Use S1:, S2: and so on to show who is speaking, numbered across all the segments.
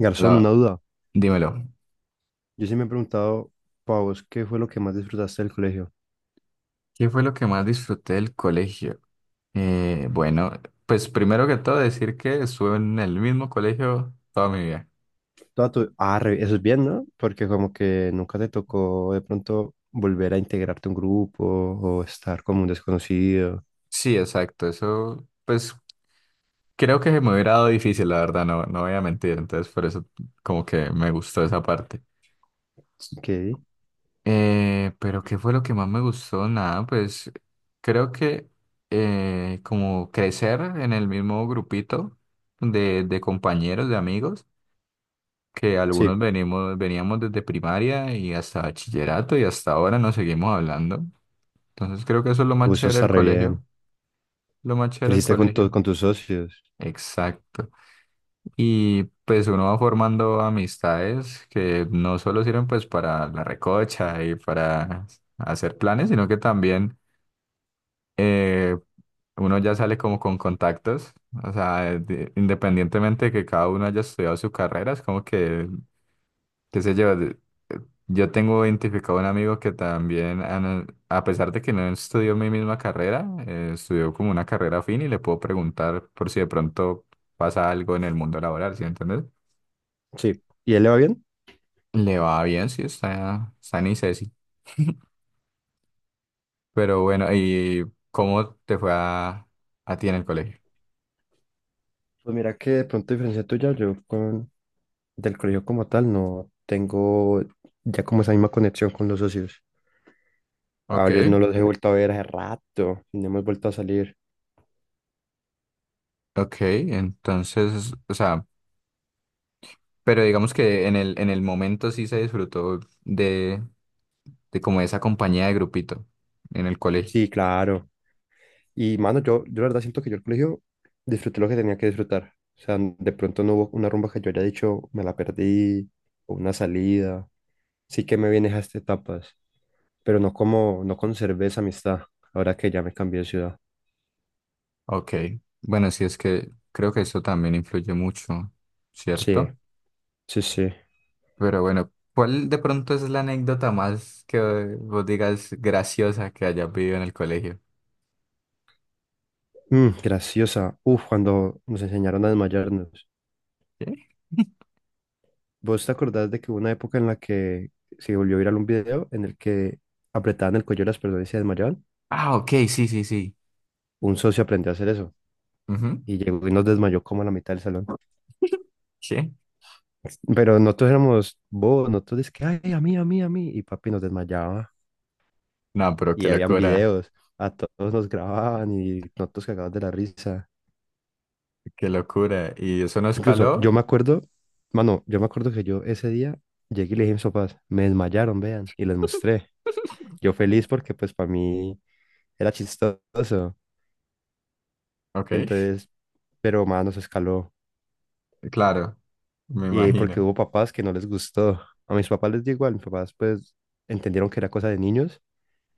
S1: Garzón, una
S2: Hola,
S1: duda.
S2: dímelo.
S1: Yo sí me he preguntado, Pavos, ¿qué fue lo que más disfrutaste del colegio?
S2: ¿Qué fue lo que más disfruté del colegio? Eh, bueno, pues primero que todo decir que estuve en el mismo colegio toda mi vida.
S1: Toda tu... Ah, eso es bien, ¿no? Porque como que nunca te tocó de pronto volver a integrarte a un grupo o estar como un desconocido.
S2: Sí, exacto. Eso, pues creo que se me hubiera dado difícil, la verdad, no, no voy a mentir. Entonces, por eso como que me gustó esa parte.
S1: ¿Qué?
S2: Pero ¿qué fue lo que más me gustó? Nada, pues creo que como crecer en el mismo grupito de compañeros, de amigos. Que algunos
S1: Sí,
S2: venimos, veníamos desde primaria y hasta bachillerato y hasta ahora nos seguimos hablando. Entonces creo que eso es lo más
S1: uh, eso
S2: chévere
S1: está
S2: del
S1: re bien.
S2: colegio, lo más chévere del
S1: Creciste con,
S2: colegio.
S1: con tus socios.
S2: Exacto. Y pues uno va formando amistades que no solo sirven pues para la recocha y para hacer planes, sino que también eh, uno ya sale como con contactos. O sea, independientemente de que cada uno haya estudiado su carrera, es como que qué sé yo, eh, yo tengo identificado un amigo que también, a pesar de que no estudió mi misma carrera, estudió como una carrera afín y le puedo preguntar por si de pronto pasa algo en el mundo laboral, ¿sí entiendes?
S1: Sí. ¿Y él le va bien?
S2: Le va bien, sí, está en ICESI. Pero bueno, ¿y cómo te fue a ti en el colegio?
S1: Pues mira que de pronto a diferencia tuya, yo con... del colegio como tal no tengo ya como esa misma conexión con los socios. A varios
S2: Ok,
S1: no los he vuelto a ver hace rato y no hemos vuelto a salir.
S2: ok, entonces, o sea, pero digamos que en en el momento sí se disfrutó de como esa compañía de grupito en el colegio.
S1: Sí, claro. Y mano, yo la verdad siento que yo el colegio disfruté lo que tenía que disfrutar. O sea, de pronto no hubo una rumba que yo haya dicho, me la perdí, o una salida. Sí que me vienes a estas etapas, pero no como, no conservé esa amistad ahora que ya me cambié de ciudad.
S2: Ok, bueno, sí es que creo que eso también influye mucho,
S1: Sí,
S2: ¿cierto?
S1: sí, sí.
S2: Pero bueno, ¿cuál de pronto es la anécdota más que vos digas graciosa que hayas vivido en el colegio?
S1: Mm, graciosa. Uf, cuando nos enseñaron a desmayarnos.
S2: ¿Qué?
S1: ¿Vos te acordás de que hubo una época en la que se volvió viral un video en el que apretaban el cuello de las personas y se desmayaban?
S2: Ah, ok, sí, sí, sí.
S1: Un socio aprendió a hacer eso.
S2: Ujú.
S1: Y llegó y nos desmayó como a la mitad del salón.
S2: Sí.
S1: Pero nosotros éramos bobos, nosotros es que, ay, a mí, a mí, a mí. Y papi nos desmayaba.
S2: No, pero qué
S1: Y habían
S2: locura,
S1: videos, a todos nos grababan y nosotros cagados de la risa.
S2: qué locura. ¿Y eso no
S1: Incluso
S2: escaló?
S1: yo me acuerdo, mano, yo me acuerdo que yo ese día llegué y le dije a mis papás, me desmayaron, vean, y les mostré. Yo feliz porque pues para mí era chistoso.
S2: Ok,
S1: Entonces, pero mano se escaló.
S2: claro, me
S1: Y porque
S2: imagino.
S1: hubo papás que no les gustó. A mis papás les dio igual, mis papás pues entendieron que era cosa de niños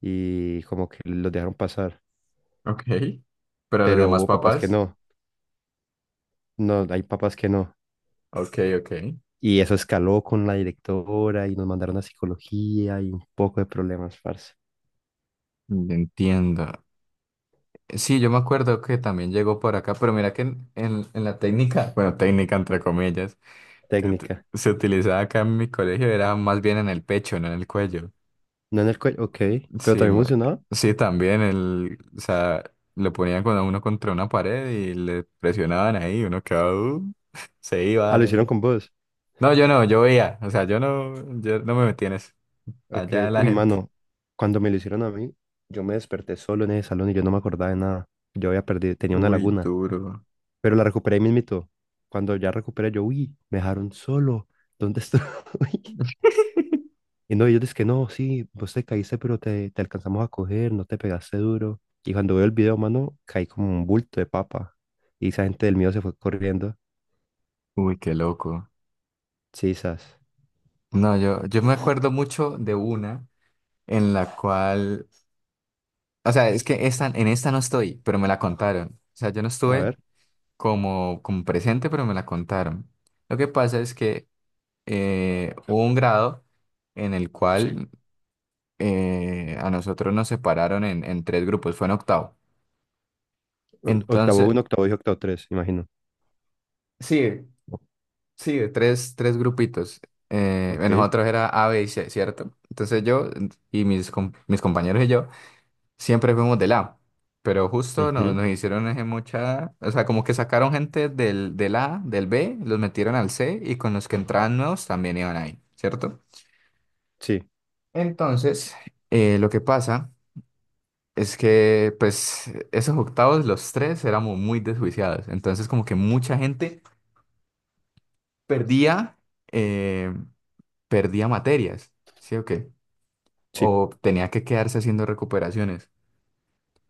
S1: y como que los dejaron pasar,
S2: Ok, pero los
S1: pero
S2: demás
S1: hubo papás que
S2: papás,
S1: no, no, hay papás que no.
S2: ok, ok.
S1: Y eso escaló con la directora y nos mandaron a psicología y un poco de problemas, parce.
S2: Entiendo. Sí, yo me acuerdo que también llegó por acá, pero mira que en la técnica, bueno, técnica entre comillas, que
S1: Técnica.
S2: se utilizaba acá en mi colegio era más bien en el pecho, no en el cuello.
S1: No en el cuello, ok, pero
S2: Sí,
S1: también
S2: me-
S1: funcionaba.
S2: sí, también el, o sea, lo ponían con uno contra una pared y le presionaban ahí, uno quedaba, se
S1: Ah,
S2: iba.
S1: lo hicieron con vos.
S2: No, yo no, yo veía, o sea, yo no, yo no me metí en eso.
S1: Ok,
S2: Allá la
S1: uy,
S2: gente.
S1: mano, cuando me lo hicieron a mí, yo me desperté solo en ese salón y yo no me acordaba de nada. Yo había perdido, tenía una
S2: Uy,
S1: laguna,
S2: duro.
S1: pero la recuperé ahí mismito. Cuando ya recuperé, yo, uy, me dejaron solo. ¿Dónde estoy? Y no, ellos dicen que no, sí, vos te caíste, pero te alcanzamos a coger, no te pegaste duro. Y cuando veo el video, mano, caí como un bulto de papa. Y esa gente del mío se fue corriendo.
S2: Uy, qué loco.
S1: Sí, sas.
S2: No, yo me acuerdo mucho de una, en la cual, o sea, es que esta, en esta no estoy, pero me la contaron. O sea, yo no
S1: A
S2: estuve
S1: ver.
S2: como, como presente, pero me la contaron. Lo que pasa es que hubo un grado en el
S1: Sí.
S2: cual a nosotros nos separaron en tres grupos, fue en octavo.
S1: Octavo
S2: Entonces,
S1: uno, octavo y octavo tres, imagino.
S2: sí, sí, de tres, tres grupitos. En
S1: Ok.
S2: nosotros era A, B y C, ¿cierto? Entonces yo mis compañeros y yo siempre fuimos de A, pero justo
S1: Ujú.
S2: nos hicieron ese mucha, o sea, como que sacaron gente del A, del B, los metieron al C y con los que entraban nuevos también iban ahí, ¿cierto?
S1: Sí,
S2: Entonces, lo que pasa es que, pues, esos octavos, los tres, éramos muy desjuiciados, entonces como que mucha gente perdía, eh, perdía materias, ¿sí o qué?
S1: sí.
S2: O tenía que quedarse haciendo recuperaciones.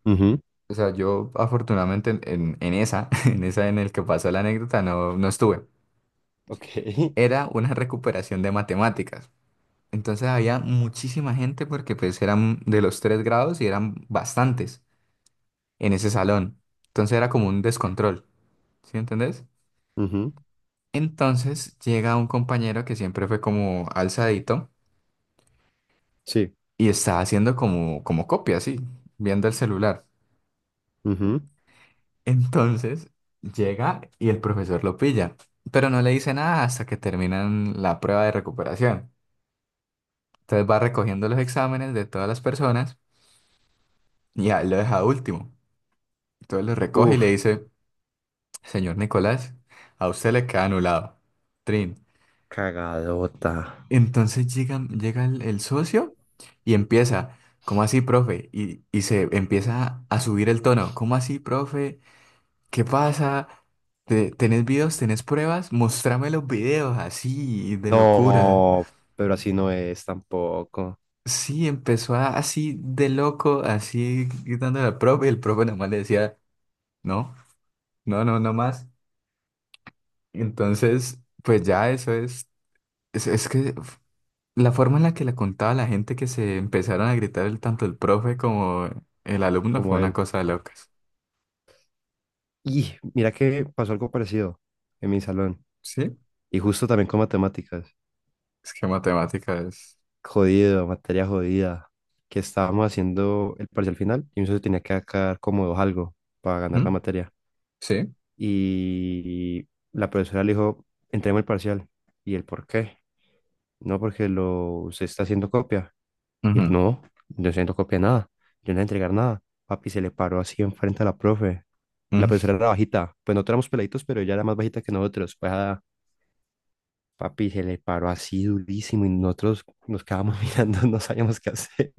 S1: Ujú.
S2: O sea, yo afortunadamente en esa, en esa en el que pasó la anécdota, no, no estuve.
S1: Ok.
S2: Era una recuperación de matemáticas. Entonces había muchísima gente porque pues eran de los tres grados y eran bastantes en ese salón. Entonces era como un descontrol, ¿sí entendés?
S1: Ujú.
S2: Entonces llega un compañero que siempre fue como alzadito
S1: Sí.
S2: y está haciendo como, como copia, así, viendo el celular.
S1: Ujú.
S2: Entonces llega y el profesor lo pilla, pero no le dice nada hasta que terminan la prueba de recuperación. Entonces va recogiendo los exámenes de todas las personas y a él lo deja último. Entonces lo recoge y le
S1: Uf,
S2: dice, señor Nicolás, a usted le queda anulado. Trin.
S1: cagadota.
S2: Entonces llega, llega el socio y empieza, ¿cómo así, profe? Y se empieza a subir el tono, ¿cómo así, profe? ¿Qué pasa? ¿Tenés videos? ¿Tenés pruebas? Mostrame los videos, así, de locura.
S1: No, pero así no es tampoco,
S2: Sí, así de loco, así gritándole al profe, y el profe nomás le decía, no, no, no, no más. Entonces, pues ya eso es que f- la forma en la que le contaba a la gente que se empezaron a gritar el, tanto el profe como el alumno fue
S1: como
S2: una
S1: él.
S2: cosa de locas.
S1: Y mira que pasó algo parecido en mi salón.
S2: Sí,
S1: Y justo también con matemáticas.
S2: es que matemática es...
S1: Jodido, materia jodida. Que estábamos haciendo el parcial final y mi socio tenía que sacar como dos algo para ganar la
S2: ¿Mm?
S1: materia.
S2: Sí.
S1: Y la profesora le dijo, entreguemos el parcial. ¿Y el por qué? No, porque lo, se está haciendo copia. Y él,
S2: Ujú,
S1: no, yo no estoy haciendo copia de nada. Yo no voy a entregar nada. Papi se le paró así enfrente a la profe. La
S2: ujú.
S1: profesora era bajita. Pues no éramos peladitos, pero ella era más bajita que nosotros. Pues ah, Papi, se le paró así durísimo y nosotros nos quedábamos mirando, no sabíamos qué hacer.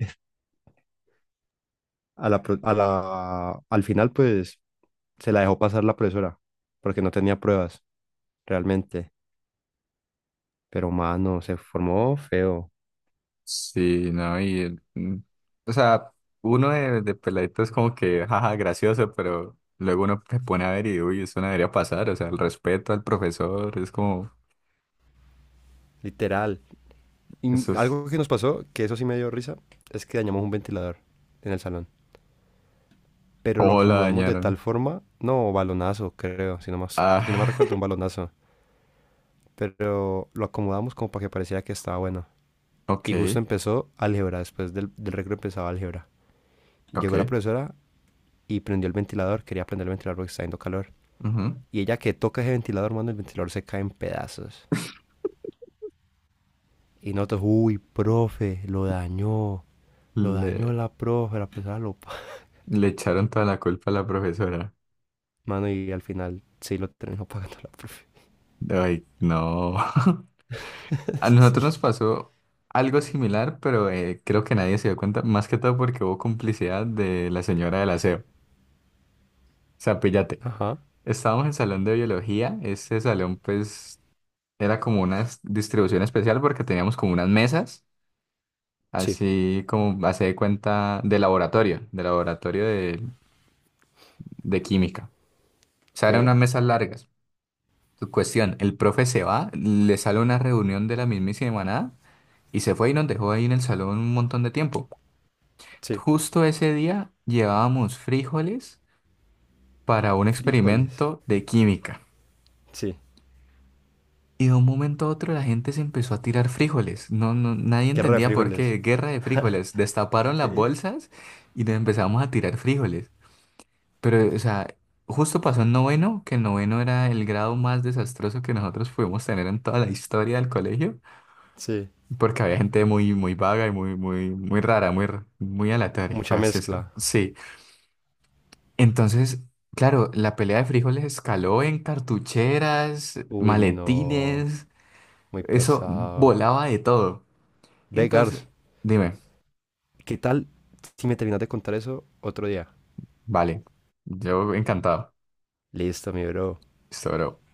S1: A la, a la, al final, pues, se la dejó pasar la profesora, porque no tenía pruebas, realmente. Pero, mano, se formó feo,
S2: Sí, no, o sea, uno de peladito es como que, jaja, gracioso, pero luego uno se pone a ver y, uy, eso no debería pasar, o sea, el respeto al profesor, es como,
S1: literal.
S2: eso
S1: Y
S2: es,
S1: algo que nos pasó, que eso sí me dio risa, es que dañamos un ventilador en el salón. Pero lo
S2: ¿cómo la
S1: acomodamos de tal
S2: dañaron?
S1: forma, no, balonazo, creo, si no más, si no más
S2: Ah,
S1: recuerdo, un balonazo. Pero lo acomodamos como para que pareciera que estaba bueno. Y justo
S2: ok,
S1: empezó álgebra, después del recreo empezaba álgebra.
S2: ok,
S1: Llegó la profesora y prendió el ventilador, quería prender el ventilador porque está haciendo calor.
S2: ujú.
S1: Y ella que toca ese ventilador, mano, el ventilador se cae en pedazos. Y nosotros, uy, profe, lo dañó
S2: Le,
S1: la profe, la profesora lo...
S2: Le echaron toda la culpa a la profesora.
S1: Mano, y al final sí lo terminó pagando la profe.
S2: Ay, no. A nosotros
S1: Sí.
S2: nos pasó algo similar, pero creo que nadie se dio cuenta, más que todo porque hubo complicidad de la señora del aseo. O sea, píllate.
S1: Ajá.
S2: Estábamos en salón de biología. Este salón, pues, era como una distribución especial porque teníamos como unas mesas,
S1: Sí.
S2: así como hace de cuenta de laboratorio, de laboratorio de química. O sea,
S1: Ok.
S2: eran unas mesas largas. Tu cuestión, el profe se va, le sale una reunión de la mismísima nada y se fue y nos dejó ahí en el salón un montón de tiempo.
S1: Sí.
S2: Justo ese día llevábamos frijoles para un
S1: Frijoles.
S2: experimento de química.
S1: Sí.
S2: Y de un momento a otro la gente se empezó a tirar frijoles. No, no, nadie
S1: Guerra de
S2: entendía por
S1: frijoles.
S2: qué. Guerra de frijoles. Destaparon
S1: Ok.
S2: las bolsas y nos empezamos a tirar frijoles. Pero, o sea, justo pasó en noveno, que el noveno era el grado más desastroso que nosotros pudimos tener en toda la historia del colegio,
S1: Sí.
S2: porque había gente muy, muy vaga y muy, muy, muy rara, muy aleatoria,
S1: Mucha
S2: por así decirlo.
S1: mezcla.
S2: Sí. Entonces, claro, la pelea de frijoles escaló en cartucheras,
S1: Uy, no.
S2: maletines,
S1: Muy
S2: eso
S1: pesado.
S2: volaba de todo. Y
S1: Ve,
S2: entonces,
S1: Gars,
S2: dime,
S1: ¿qué tal si me terminas de contar eso otro día?
S2: vale, yo encantado.
S1: Listo, mi bro.
S2: Sobre